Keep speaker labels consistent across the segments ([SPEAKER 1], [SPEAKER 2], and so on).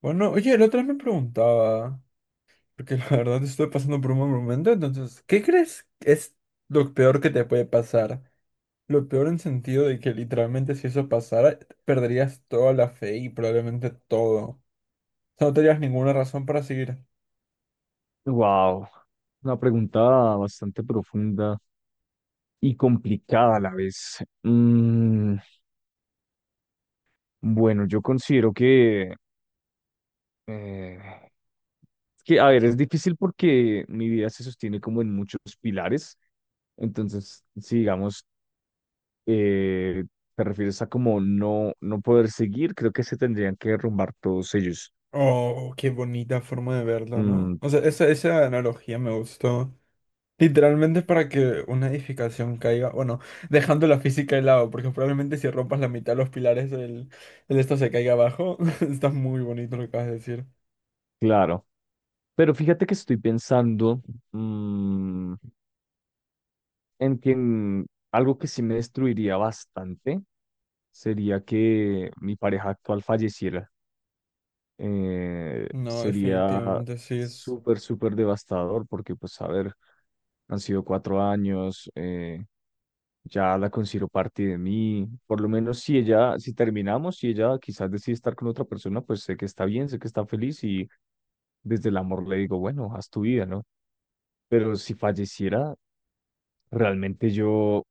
[SPEAKER 1] Bueno, oye, el otro me preguntaba, porque la verdad estoy pasando por un mal momento, entonces, ¿qué crees que es lo peor que te puede pasar? Lo peor en sentido de que literalmente si eso pasara, perderías toda la fe y probablemente todo. O sea, no tendrías ninguna razón para seguir.
[SPEAKER 2] Wow, una pregunta bastante profunda y complicada a la vez. Bueno, yo considero eh, que, a ver, es difícil porque mi vida se sostiene como en muchos pilares. Entonces, si digamos, eh, te refieres a como no poder seguir, creo que se tendrían que derrumbar todos ellos.
[SPEAKER 1] Oh, qué bonita forma de verlo,
[SPEAKER 2] Mm,
[SPEAKER 1] ¿no? O sea, esa analogía me gustó. Literalmente para que una edificación caiga, bueno, dejando la física de lado, porque probablemente si rompas la mitad de los pilares, el esto se caiga abajo. Está muy bonito lo que acabas de decir.
[SPEAKER 2] claro. Pero fíjate que estoy pensando, mm, en quien algo que sí me destruiría bastante sería que mi pareja actual falleciera.
[SPEAKER 1] No,
[SPEAKER 2] Sería
[SPEAKER 1] definitivamente sí es.
[SPEAKER 2] súper, súper devastador porque, pues, a ver, han sido cuatro años, ya la considero parte de mí. Por lo menos si ella, si terminamos, si ella quizás decide estar con otra persona, pues sé que está bien, sé que está feliz y desde el amor le digo, bueno, haz tu vida, ¿no? Pero si falleciera, realmente yo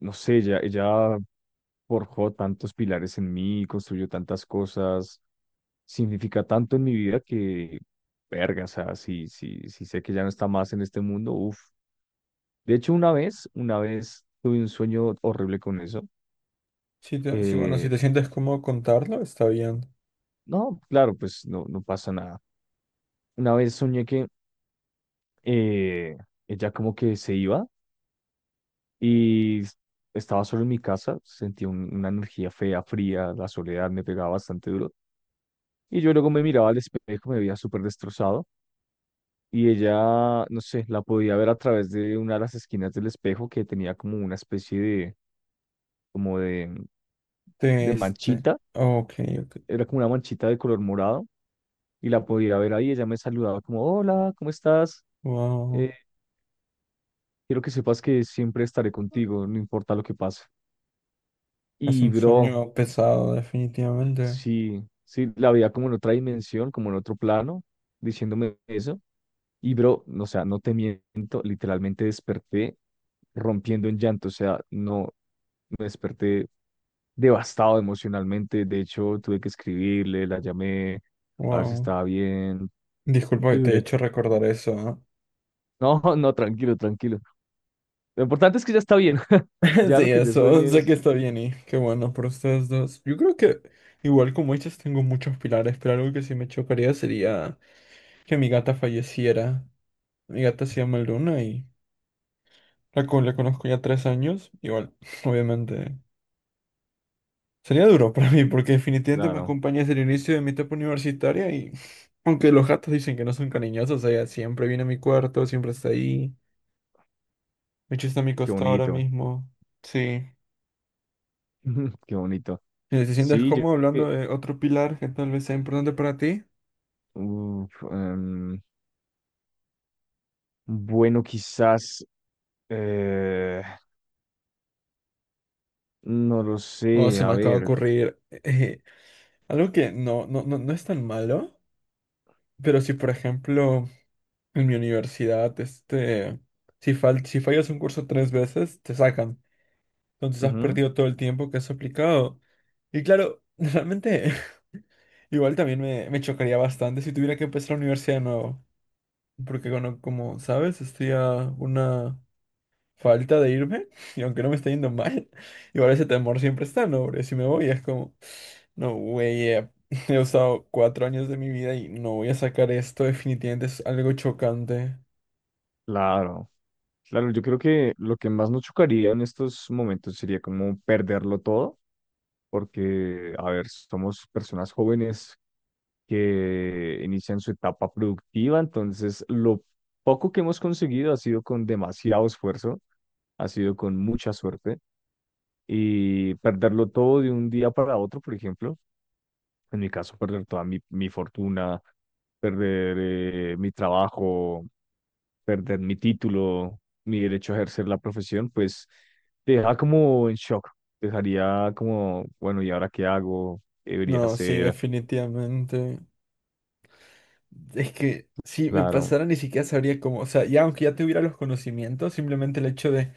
[SPEAKER 2] no sé, ya, ella forjó tantos pilares en mí, construyó tantas cosas, significa tanto en mi vida que, verga, o sea, si sé que ya no está más en este mundo, uff. De hecho, una vez tuve un sueño horrible con eso.
[SPEAKER 1] Sí, sí, bueno, si
[SPEAKER 2] Eh,
[SPEAKER 1] te sientes cómodo contarlo, está bien.
[SPEAKER 2] no, claro, pues no, no pasa nada. Una vez soñé que eh, ella como que se iba y estaba solo en mi casa, sentía una energía fea, fría, la soledad me pegaba bastante duro. Y yo luego me miraba al espejo, me veía súper destrozado. Y ella, no sé, la podía ver a través de una de las esquinas del espejo que tenía como una especie de,
[SPEAKER 1] De
[SPEAKER 2] de
[SPEAKER 1] este.
[SPEAKER 2] manchita.
[SPEAKER 1] Ok, ok.
[SPEAKER 2] Era como una manchita de color morado. Y la podía ver ahí. Ella me saludaba como, hola, ¿cómo estás?
[SPEAKER 1] Wow.
[SPEAKER 2] Eh, quiero que sepas que siempre estaré contigo, no importa lo que pase.
[SPEAKER 1] Es
[SPEAKER 2] Y
[SPEAKER 1] un
[SPEAKER 2] bro,
[SPEAKER 1] sueño pesado, definitivamente.
[SPEAKER 2] sí, sí, la veía como en otra dimensión, como en otro plano, diciéndome eso. Y bro, no, o sea, no te miento, literalmente desperté rompiendo en llanto, o sea, no, me desperté devastado emocionalmente. De hecho, tuve que escribirle, la llamé, a ver si
[SPEAKER 1] Wow.
[SPEAKER 2] estaba bien.
[SPEAKER 1] Disculpa que
[SPEAKER 2] Y
[SPEAKER 1] te he
[SPEAKER 2] duré-
[SPEAKER 1] hecho recordar eso, ¿ah?
[SPEAKER 2] no, no, tranquilo, tranquilo. Lo importante es que ya está bien. Ya lo
[SPEAKER 1] Sí,
[SPEAKER 2] que yo sueño
[SPEAKER 1] eso, sé
[SPEAKER 2] es,
[SPEAKER 1] que está bien y qué bueno por ustedes dos. Yo creo que igual como ellas tengo muchos pilares, pero algo que sí me chocaría sería que mi gata falleciera. Mi gata se llama Luna y la conozco ya 3 años. Igual, obviamente, sería duro para mí porque definitivamente me
[SPEAKER 2] claro,
[SPEAKER 1] acompaña desde el inicio de mi etapa universitaria y aunque los gatos dicen que no son cariñosos, ella siempre viene a mi cuarto, siempre está ahí. De hecho, está a mi
[SPEAKER 2] qué
[SPEAKER 1] costado ahora
[SPEAKER 2] bonito,
[SPEAKER 1] mismo. Sí.
[SPEAKER 2] qué bonito.
[SPEAKER 1] Si te sientes
[SPEAKER 2] Sí, yo
[SPEAKER 1] cómodo
[SPEAKER 2] creo que,
[SPEAKER 1] hablando de otro pilar que tal vez sea importante para ti,
[SPEAKER 2] uf, bueno, quizás, eh, no lo
[SPEAKER 1] o
[SPEAKER 2] sé,
[SPEAKER 1] se
[SPEAKER 2] a
[SPEAKER 1] me acaba de
[SPEAKER 2] ver,
[SPEAKER 1] ocurrir algo que no, no, no, no es tan malo, pero si por ejemplo en mi universidad, este, si fallas un curso tres veces, te sacan. Entonces has
[SPEAKER 2] ujú,
[SPEAKER 1] perdido todo el tiempo que has aplicado. Y claro, realmente igual también me chocaría bastante si tuviera que empezar la universidad de nuevo. Porque bueno, como sabes, estoy a una falta de irme, y aunque no me está yendo mal, igual ese temor siempre está, ¿no? Porque si me voy es como, no, güey, he usado 4 años de mi vida y no voy a sacar esto, definitivamente es algo chocante.
[SPEAKER 2] claro, claro, yo creo que lo que más nos chocaría en estos momentos sería como perderlo todo, porque, a ver, somos personas jóvenes que inician su etapa productiva, entonces lo poco que hemos conseguido ha sido con demasiado esfuerzo, ha sido con mucha suerte, y perderlo todo de un día para otro, por ejemplo. En mi caso, perder toda mi fortuna, perder mi trabajo, perder mi título, mi derecho a ejercer la profesión, pues te deja como en shock. Te dejaría como, bueno, ¿y ahora qué hago? ¿Qué debería
[SPEAKER 1] No, sí,
[SPEAKER 2] hacer?
[SPEAKER 1] definitivamente. Es que si me
[SPEAKER 2] Claro,
[SPEAKER 1] pasara ni siquiera sabría cómo, o sea, ya aunque ya tuviera los conocimientos, simplemente el hecho de.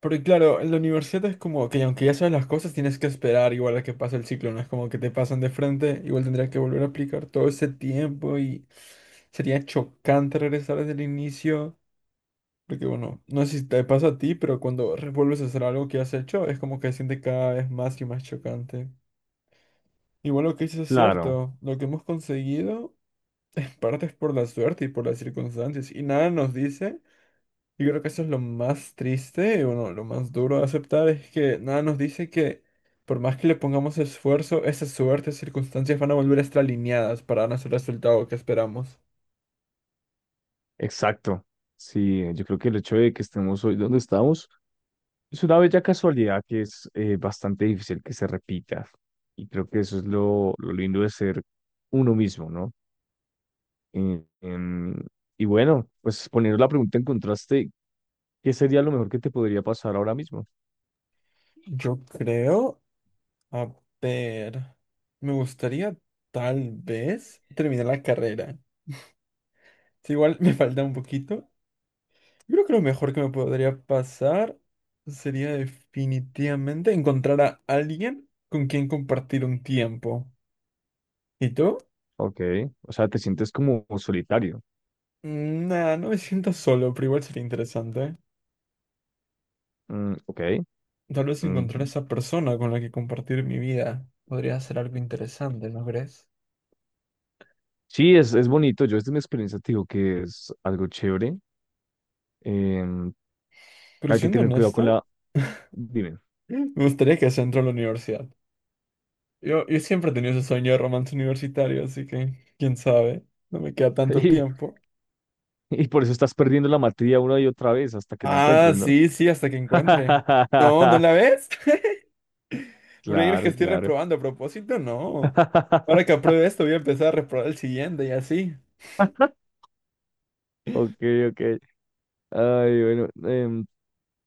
[SPEAKER 1] Porque claro, en la universidad es como que aunque ya sabes las cosas, tienes que esperar igual a que pase el ciclo, no es como que te pasan de frente, igual tendrías que volver a aplicar todo ese tiempo y sería chocante regresar desde el inicio, porque bueno, no sé si te pasa a ti, pero cuando vuelves a hacer algo que has hecho, es como que se siente cada vez más y más chocante. Igual lo que dices es
[SPEAKER 2] claro,
[SPEAKER 1] cierto, lo que hemos conseguido en parte es por la suerte y por las circunstancias, y nada nos dice, yo creo que eso es lo más triste, y bueno, lo más duro de aceptar es que nada nos dice que por más que le pongamos esfuerzo, esas suertes, circunstancias van a volver a estar alineadas para darnos el resultado que esperamos.
[SPEAKER 2] exacto. Sí, yo creo que el hecho de que estemos hoy donde estamos es una bella casualidad que es bastante difícil que se repita. Y creo que eso es lo lindo de ser uno mismo, ¿no? Eh, em, y bueno, pues poniendo la pregunta en contraste, ¿qué sería lo mejor que te podría pasar ahora mismo?
[SPEAKER 1] Yo creo, a ver, me gustaría tal vez terminar la carrera. Si igual me falta un poquito, yo creo que lo mejor que me podría pasar sería definitivamente encontrar a alguien con quien compartir un tiempo. ¿Y tú?
[SPEAKER 2] Ok, o sea, te sientes como solitario.
[SPEAKER 1] Mm, nah, no me siento solo, pero igual sería interesante.
[SPEAKER 2] Mm, ok.
[SPEAKER 1] Tal vez encontrar a
[SPEAKER 2] Mm,
[SPEAKER 1] esa persona con la que compartir mi vida podría ser algo interesante, ¿no crees?
[SPEAKER 2] sí, es bonito. Yo desde mi experiencia te digo que es algo chévere. Em,
[SPEAKER 1] Pero
[SPEAKER 2] hay que
[SPEAKER 1] siendo
[SPEAKER 2] tener cuidado con
[SPEAKER 1] honesto,
[SPEAKER 2] la... Dime.
[SPEAKER 1] me gustaría que se entró a la universidad. Yo siempre he tenido ese sueño de romance universitario, así que, quién sabe, no me queda tanto
[SPEAKER 2] Y,
[SPEAKER 1] tiempo.
[SPEAKER 2] y por eso estás perdiendo la materia una y otra vez hasta que la
[SPEAKER 1] Ah,
[SPEAKER 2] encuentres, ¿no?
[SPEAKER 1] sí, sí, hasta que encuentre. No, ¿no la ves? ¿Por qué crees que
[SPEAKER 2] Claro,
[SPEAKER 1] estoy
[SPEAKER 2] claro.
[SPEAKER 1] reprobando a propósito? No. Ahora que apruebe esto, voy a empezar a reprobar el siguiente y así.
[SPEAKER 2] Ok, ok. Ay, bueno.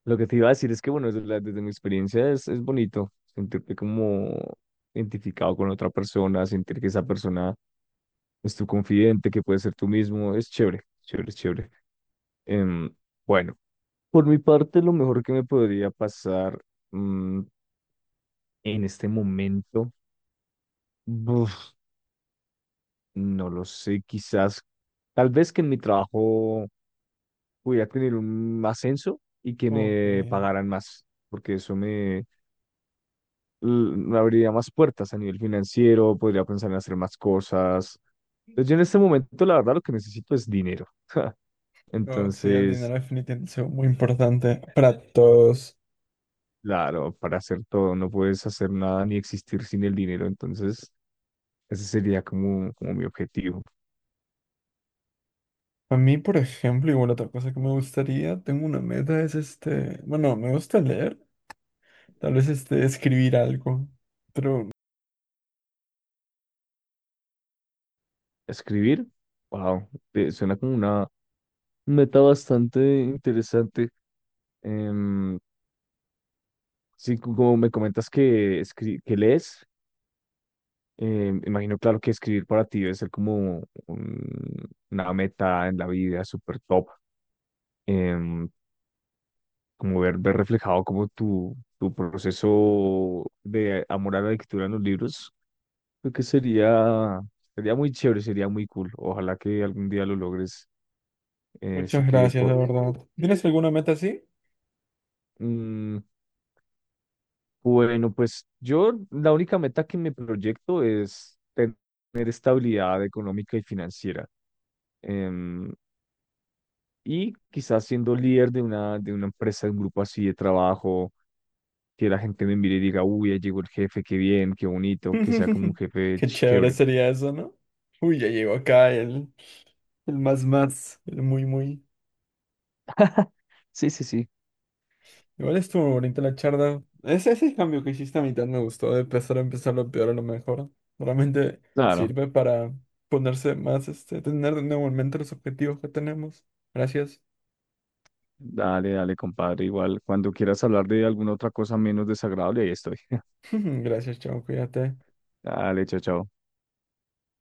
[SPEAKER 2] Lo que te iba a decir es que, bueno, desde mi experiencia es bonito sentirte como identificado con otra persona, sentir que esa persona es tu confidente, que puedes ser tú mismo, es chévere, chévere, es chévere. Em, bueno, por mi parte, lo mejor que me podría pasar mm, en este momento, buf, no lo sé, quizás, tal vez que en mi trabajo pudiera tener un ascenso y que
[SPEAKER 1] Ok.
[SPEAKER 2] me pagaran más, porque eso me abriría más puertas a nivel financiero, podría pensar en hacer más cosas. Entonces, yo en este momento, la verdad, lo que necesito es dinero.
[SPEAKER 1] No, sí, el
[SPEAKER 2] Entonces,
[SPEAKER 1] dinero definitivamente es algo muy importante para todos.
[SPEAKER 2] claro, para hacer todo no puedes hacer nada ni existir sin el dinero. Entonces, ese sería como, como mi objetivo.
[SPEAKER 1] A mí, por ejemplo, igual otra cosa que me gustaría, tengo una meta, es este, bueno, me gusta leer, tal vez este, escribir algo.
[SPEAKER 2] Escribir, wow, suena como una meta bastante interesante. Em, sí, como me comentas que, que lees, imagino, claro, que escribir para ti debe ser como una meta en la vida súper top, em, como ver, ver reflejado como tu proceso de amor a la lectura en los libros, creo que sería, sería muy chévere, sería muy cool. Ojalá que algún día lo logres. Sé
[SPEAKER 1] Muchas
[SPEAKER 2] que,
[SPEAKER 1] gracias, de verdad. ¿Tienes alguna meta así?
[SPEAKER 2] mm, bueno, pues yo la única meta que me proyecto es tener estabilidad económica y financiera. em, Y quizás siendo líder de una empresa, de un grupo así de trabajo, que la gente me mire y diga, uy, ya llegó el jefe, qué bien, qué bonito, que sea como un jefe
[SPEAKER 1] Qué chévere
[SPEAKER 2] chévere.
[SPEAKER 1] sería eso, ¿no? Uy, ya llegó acá el, más más, el muy muy.
[SPEAKER 2] Sí, sí, sí.
[SPEAKER 1] Igual estuvo bonita la charla. Ese cambio que hiciste a mitad me gustó, de empezar a empezar lo peor a lo mejor. Realmente
[SPEAKER 2] Claro,
[SPEAKER 1] sirve para ponerse más, este, tener de nuevo en mente los objetivos que tenemos. Gracias.
[SPEAKER 2] dale, dale, compadre. Igual, cuando quieras hablar de alguna otra cosa menos desagradable, ahí estoy.
[SPEAKER 1] Gracias, chao, cuídate.
[SPEAKER 2] Dale, chao, chao.